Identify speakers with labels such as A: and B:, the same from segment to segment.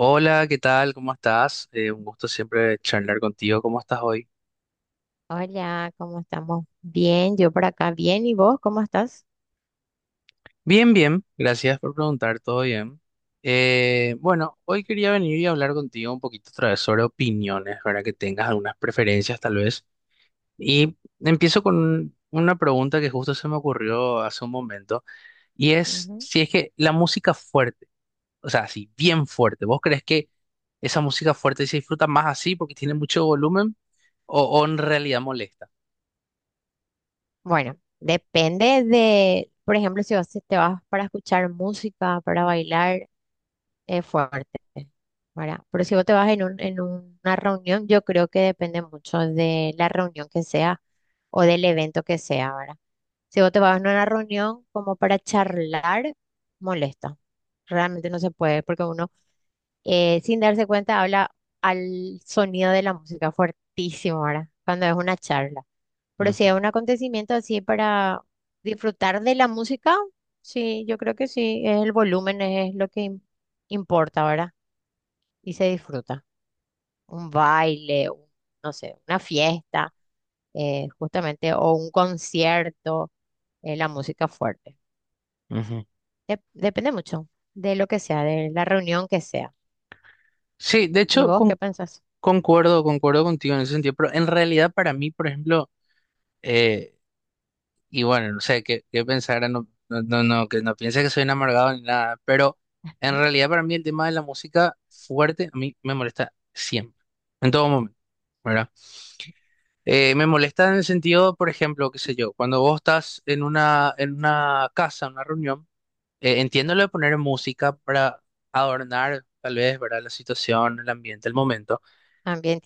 A: Hola, ¿qué tal? ¿Cómo estás? Un gusto siempre charlar contigo. ¿Cómo estás hoy?
B: Hola, ¿cómo estamos? Bien, yo por acá bien. ¿Y vos cómo estás?
A: Bien, bien. Gracias por preguntar. ¿Todo bien? Bueno, hoy quería venir y hablar contigo un poquito otra vez sobre opiniones, ¿verdad? Que tengas algunas preferencias tal vez. Y empiezo con una pregunta que justo se me ocurrió hace un momento, y es
B: Ujú.
A: si es que la música fuerte, o sea, así, bien fuerte, ¿vos crees que esa música fuerte se disfruta más así porque tiene mucho volumen o en realidad molesta?
B: Bueno, depende de, por ejemplo, si vos te vas para escuchar música, para bailar, es fuerte, ¿verdad? Pero si vos te vas en una reunión, yo creo que depende mucho de la reunión que sea o del evento que sea, ¿verdad? Si vos te vas a una reunión como para charlar, molesta. Realmente no se puede porque uno sin darse cuenta habla al sonido de la música fuertísimo, ¿verdad? Cuando es una charla. Pero si
A: Ujú,
B: es un acontecimiento así para disfrutar de la música, sí, yo creo que sí, es el volumen es lo que importa, ¿verdad? Y se disfruta. Un baile, no sé, una fiesta, justamente, o un concierto, la música fuerte.
A: ujú.
B: Depende mucho de lo que sea, de la reunión que sea.
A: Sí, de
B: ¿Y
A: hecho,
B: vos
A: con-
B: qué pensás?
A: concuerdo, concuerdo contigo en ese sentido, pero en realidad para mí, por ejemplo, eh, y bueno, no sé qué pensar, no, que no piense que soy un amargado ni nada, pero en realidad para mí el tema de la música fuerte a mí me molesta siempre, en todo momento, ¿verdad? Me molesta en el sentido, por ejemplo, qué sé yo, cuando vos estás en una casa, en una reunión, entiendo lo de poner música para adornar tal vez, ¿verdad? La situación, el ambiente, el momento.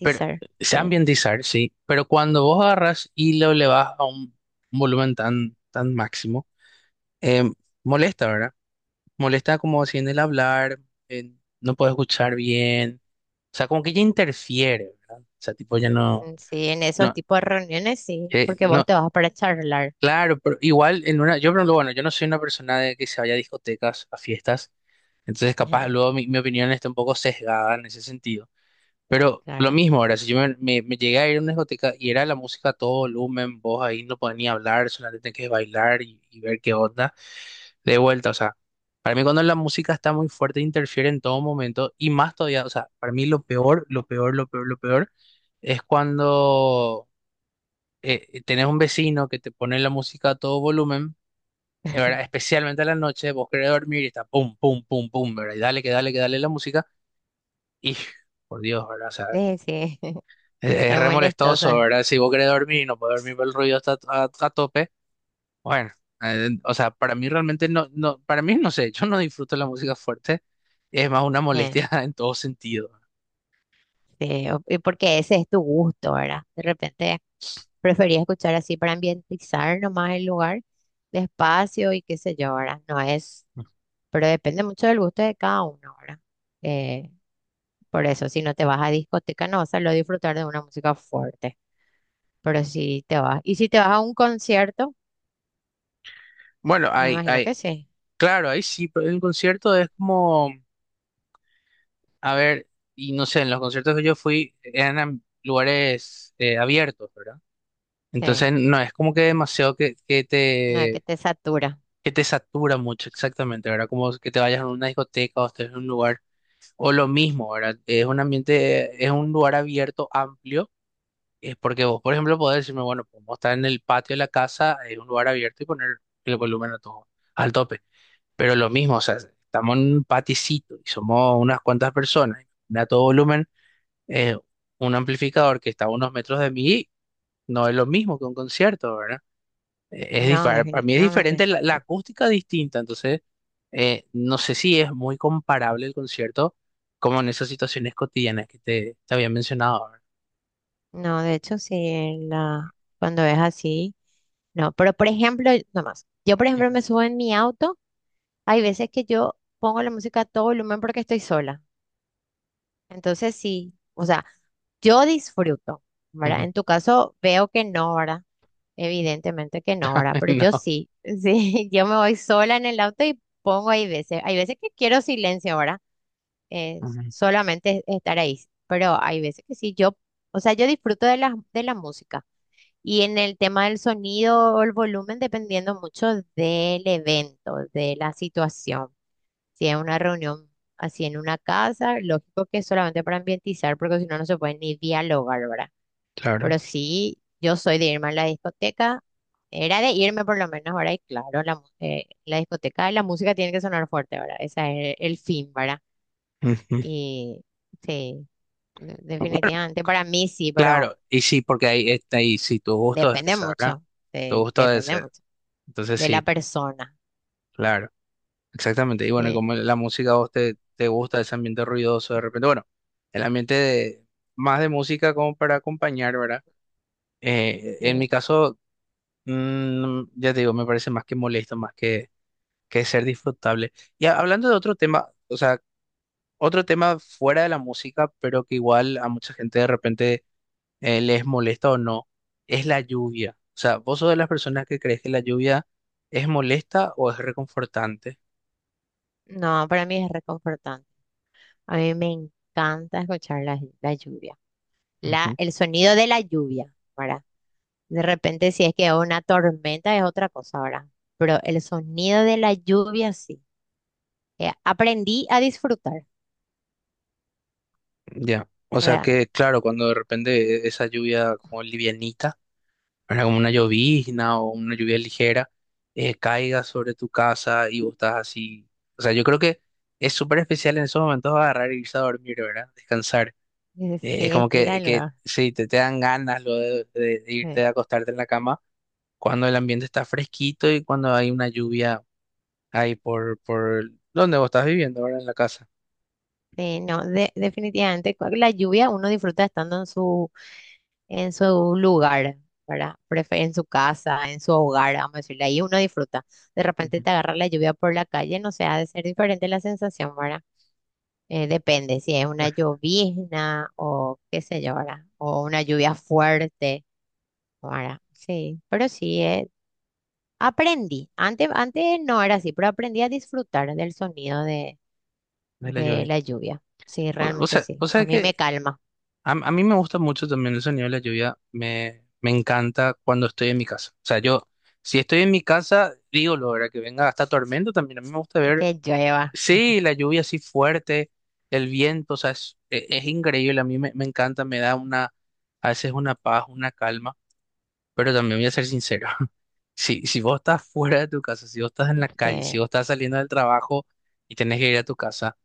A: Pero se
B: sí.
A: ambientizar, sí, pero cuando vos agarras y lo elevas a un volumen tan máximo, eh, molesta, ¿verdad? Molesta como si en el hablar, no puedes escuchar bien, o sea, como que ya interfiere, ¿verdad? O sea, tipo, ya no,
B: Mm, sí, en esos
A: no,
B: tipos de reuniones sí, porque vos
A: no,
B: te vas para charlar.
A: claro, pero igual en una, yo, por pero bueno, yo no soy una persona de que se vaya a discotecas, a fiestas, entonces capaz
B: Ajá,
A: luego mi opinión está un poco sesgada en ese sentido. Pero lo
B: claro.
A: mismo, ahora, si yo me, me llegué a ir a una discoteca y era la música a todo volumen, vos ahí no podías ni hablar, solamente tenías que bailar y ver qué onda, de vuelta, o sea, para mí cuando la música está muy fuerte interfiere en todo momento y más todavía, o sea, para mí lo peor es cuando tenés un vecino que te pone la música a todo volumen, ¿verdad? Especialmente a la noche, vos querés dormir y está pum, pum, pum, pum, ¿verdad? Y dale, que dale, que dale la música y, por Dios, ¿verdad?
B: Sí, sí,
A: Es
B: es
A: re molestoso,
B: molestosa.
A: ¿verdad? Si vos querés dormir y no podés dormir, por el ruido está a tope. Bueno, o sea, para mí realmente no, para mí no sé, yo no disfruto la música fuerte, es más una molestia en todo sentido.
B: Sí, o- y porque ese es tu gusto, ¿verdad? De repente prefería escuchar así para ambientizar nomás el lugar, despacio y qué sé yo, ¿verdad? No es, pero depende mucho del gusto de cada uno, ¿verdad? Eh, por eso, si no te vas a discoteca, no vas a lo disfrutar de una música fuerte, pero si te vas, y si te vas a un concierto,
A: Bueno,
B: me
A: hay,
B: imagino
A: hay,
B: que sí,
A: claro, ahí sí, pero en un concierto es como, a ver, y no sé, en los conciertos que yo fui eran lugares abiertos, ¿verdad? Entonces
B: sí,
A: no es como que demasiado
B: una que te satura,
A: que te satura mucho exactamente, ¿verdad? Como que te vayas a una discoteca o estés en un lugar. O lo mismo, ¿verdad? Es un ambiente, es un lugar abierto, amplio, es porque vos, por ejemplo, podés decirme, bueno, podemos estar en el patio de la casa, es un lugar abierto y poner el volumen a todo, al tope. Pero lo mismo, o sea, estamos en un paticito y somos unas cuantas personas, y a todo volumen, eh, un amplificador que está a unos metros de mí, no es lo mismo que un concierto, ¿verdad? Es
B: no,
A: diferente, para mí es diferente,
B: definitivamente.
A: la acústica es distinta, entonces no sé si es muy comparable el concierto como en esas situaciones cotidianas que te había mencionado ahora.
B: No, de hecho, sí, en la, cuando es así, no. Pero, por ejemplo, nomás, yo, por
A: Ujú,
B: ejemplo, me subo en mi auto, hay veces que yo pongo la música a todo volumen porque estoy sola. Entonces, sí, o sea, yo disfruto, ¿verdad?
A: ujú.
B: En tu caso, veo que no, ¿verdad? Evidentemente que no, ¿verdad? Pero yo
A: No,
B: sí, sí, yo me voy sola en el auto y pongo hay veces que quiero silencio, ¿verdad? Eh,
A: ujú,
B: solamente estar ahí, pero hay veces que sí, yo, o sea, yo disfruto de la música. Y en el tema del sonido o el volumen, dependiendo mucho del evento, de la situación. Si es una reunión así en una casa, lógico que es solamente para ambientizar, porque si no, no se puede ni dialogar, ¿verdad?
A: claro.
B: Pero sí, yo soy de irme a la discoteca, era de irme por lo menos, ¿verdad? Y claro, la discoteca, la música tiene que sonar fuerte, ¿verdad? Ese es el fin, ¿verdad?
A: Ujú.
B: Y sí,
A: Bueno,
B: definitivamente, para mí sí, pero
A: claro, y sí, porque ahí está ahí, sí, tu gusto es
B: depende
A: ese, ¿verdad?
B: mucho,
A: Tu
B: sí,
A: gusto es
B: depende
A: ese.
B: mucho
A: Entonces
B: de la
A: sí,
B: persona.
A: claro, exactamente. Y bueno, y
B: Sí,
A: como la música a vos te, te gusta ese ambiente ruidoso de repente, bueno, el ambiente de, más de música como para acompañar, ¿verdad? En
B: sí.
A: mi caso... Mm, ya te digo, me parece más que molesto, más que ser disfrutable. Y hablando de otro tema, o sea, otro tema fuera de la música, pero que igual a mucha gente de repente les molesta o no, es la lluvia. O sea, ¿vos sos de las personas que crees que la lluvia es molesta o es reconfortante?
B: No, para mí es reconfortante. A mí me encanta escuchar la, la lluvia, la,
A: Ujú.
B: el sonido de la lluvia, ¿verdad? De repente, si es que una tormenta es otra cosa, ¿verdad? Pero el sonido de la lluvia sí. Aprendí a disfrutar,
A: Ya. O sea
B: realmente.
A: que, claro, cuando de repente esa lluvia como livianita. ¿Verdad? Como una llovizna o una lluvia ligera, caiga sobre tu casa y vos estás así. O sea, yo creo que es súper especial en esos momentos agarrar y irse a dormir, ¿verdad? Descansar. Es
B: Sí,
A: como
B: estira el
A: que
B: brazo.
A: sí, te dan ganas lo de, de irte a acostarte en la cama cuando el ambiente está fresquito y cuando hay una lluvia ahí por donde vos estás viviendo, ¿verdad? En la casa.
B: Sí, no, definitivamente con la lluvia uno disfruta estando en su lugar, ¿verdad? En su casa, en su hogar, vamos a decirle, ahí uno disfruta. De repente
A: Ujú.
B: te agarra la lluvia por la calle, no sé, ha de ser diferente la sensación, ¿verdad? Depende si es una llovizna o qué sé yo, ¿verdad? O una lluvia fuerte, ¿verdad? Sí, pero sí, aprendí. Antes no era así, pero aprendí a disfrutar del sonido
A: De la
B: de
A: lluvia.
B: la lluvia. Sí, realmente sí.
A: O
B: A
A: sea
B: mí me
A: que
B: calma.
A: a mí me gusta mucho también el sonido de la lluvia, me encanta cuando estoy en mi casa. O sea, yo, si estoy en mi casa, digo lo que venga hasta tormento también. A mí me gusta ver,
B: Que llueva.
A: sí, la lluvia así fuerte, el viento, o sea, es, es increíble. A mí me, me encanta, me da una, a veces una paz, una calma, pero también voy a ser sincero. Si, si vos estás fuera de tu casa, si vos estás en la calle,
B: Sí,
A: si vos estás saliendo del trabajo y tenés que ir a tu casa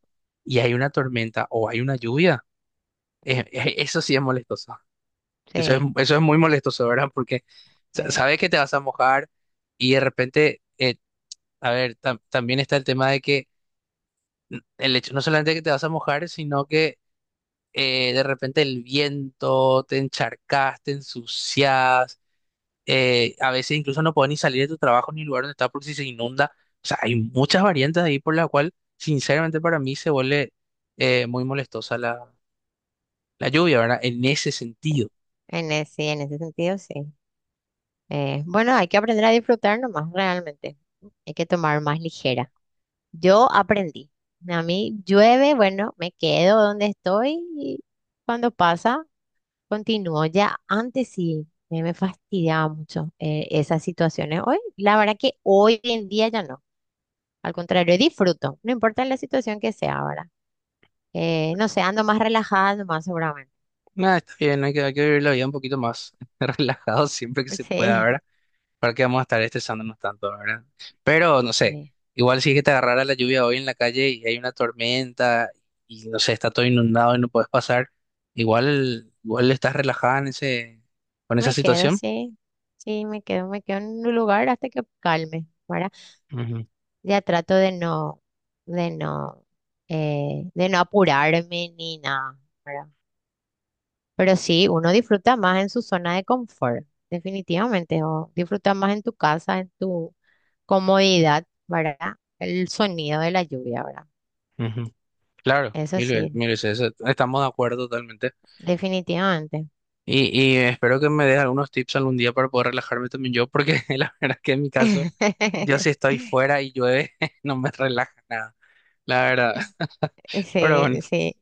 A: y hay una tormenta o hay una lluvia, eso sí es molestoso.
B: sí.
A: Eso es muy molestoso, ¿verdad? Porque
B: eh,
A: sabes que te vas a mojar y de repente, a ver, también está el tema de que el hecho no solamente que te vas a mojar, sino que de repente el viento, te encharcas, te ensucias, a veces incluso no puedes ni salir de tu trabajo ni lugar donde estás porque si se inunda. O sea, hay muchas variantes ahí por la cual, sinceramente, para mí se vuelve muy molestosa la, la lluvia, ¿verdad? En ese
B: eh,
A: sentido.
B: En ese, sí, en ese sentido, sí. Bueno, hay que aprender a disfrutar nomás, realmente. Hay que tomar más ligera. Yo aprendí. A mí llueve, bueno, me quedo donde estoy y cuando pasa, continúo. Ya antes sí me fastidiaba mucho esas situaciones. Hoy, la verdad que hoy en día ya no. Al contrario, disfruto. No importa la situación que sea ahora. No sé, ando más relajada, más seguramente.
A: Nada, está bien, hay que vivir la vida un poquito más relajado siempre que se pueda,
B: Sí.
A: ¿verdad? ¿Para qué vamos a estar estresándonos tanto, ¿verdad? Pero, no sé,
B: Sí,
A: igual si es que te agarrara la lluvia hoy en la calle y hay una tormenta y, no sé, está todo inundado y no puedes pasar, igual, igual estás relajada en ese, con esa
B: me quedo,
A: situación.
B: sí, sí, me quedo en un lugar hasta que calme, ¿verdad?
A: Ujú,
B: Ya trato de no, de no, de no apurarme ni nada, ¿verdad? Pero sí, uno disfruta más en su zona de confort, definitivamente, o disfruta más en tu casa, en tu comodidad, ¿verdad? El sonido de la lluvia, ¿verdad?
A: ujú. Claro,
B: Eso sí,
A: mil veces, eso- estamos de acuerdo totalmente.
B: definitivamente.
A: Y espero que me des algunos tips algún día para poder relajarme también yo, porque la verdad que en mi caso... Yo si estoy fuera y llueve, no me relaja nada, la verdad. Pero bueno,
B: Sí, sí.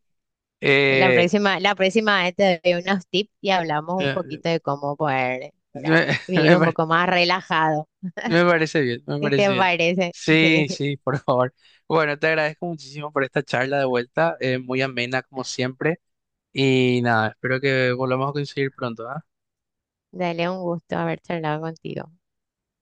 A: eh,
B: La próxima vez te doy unos tips y hablamos un
A: eh,
B: poquito de cómo poder, ¿verdad?
A: me,
B: Vivir
A: me
B: un
A: pare-
B: poco más relajado,
A: me parece bien, me
B: si te
A: parece bien.
B: parece.
A: Sí,
B: Sí.
A: sí, por favor. Bueno, te agradezco muchísimo por esta charla de vuelta, muy amena como siempre. Y nada, espero que volvamos a coincidir pronto, ¿ah?
B: Dale un gusto haber charlado contigo.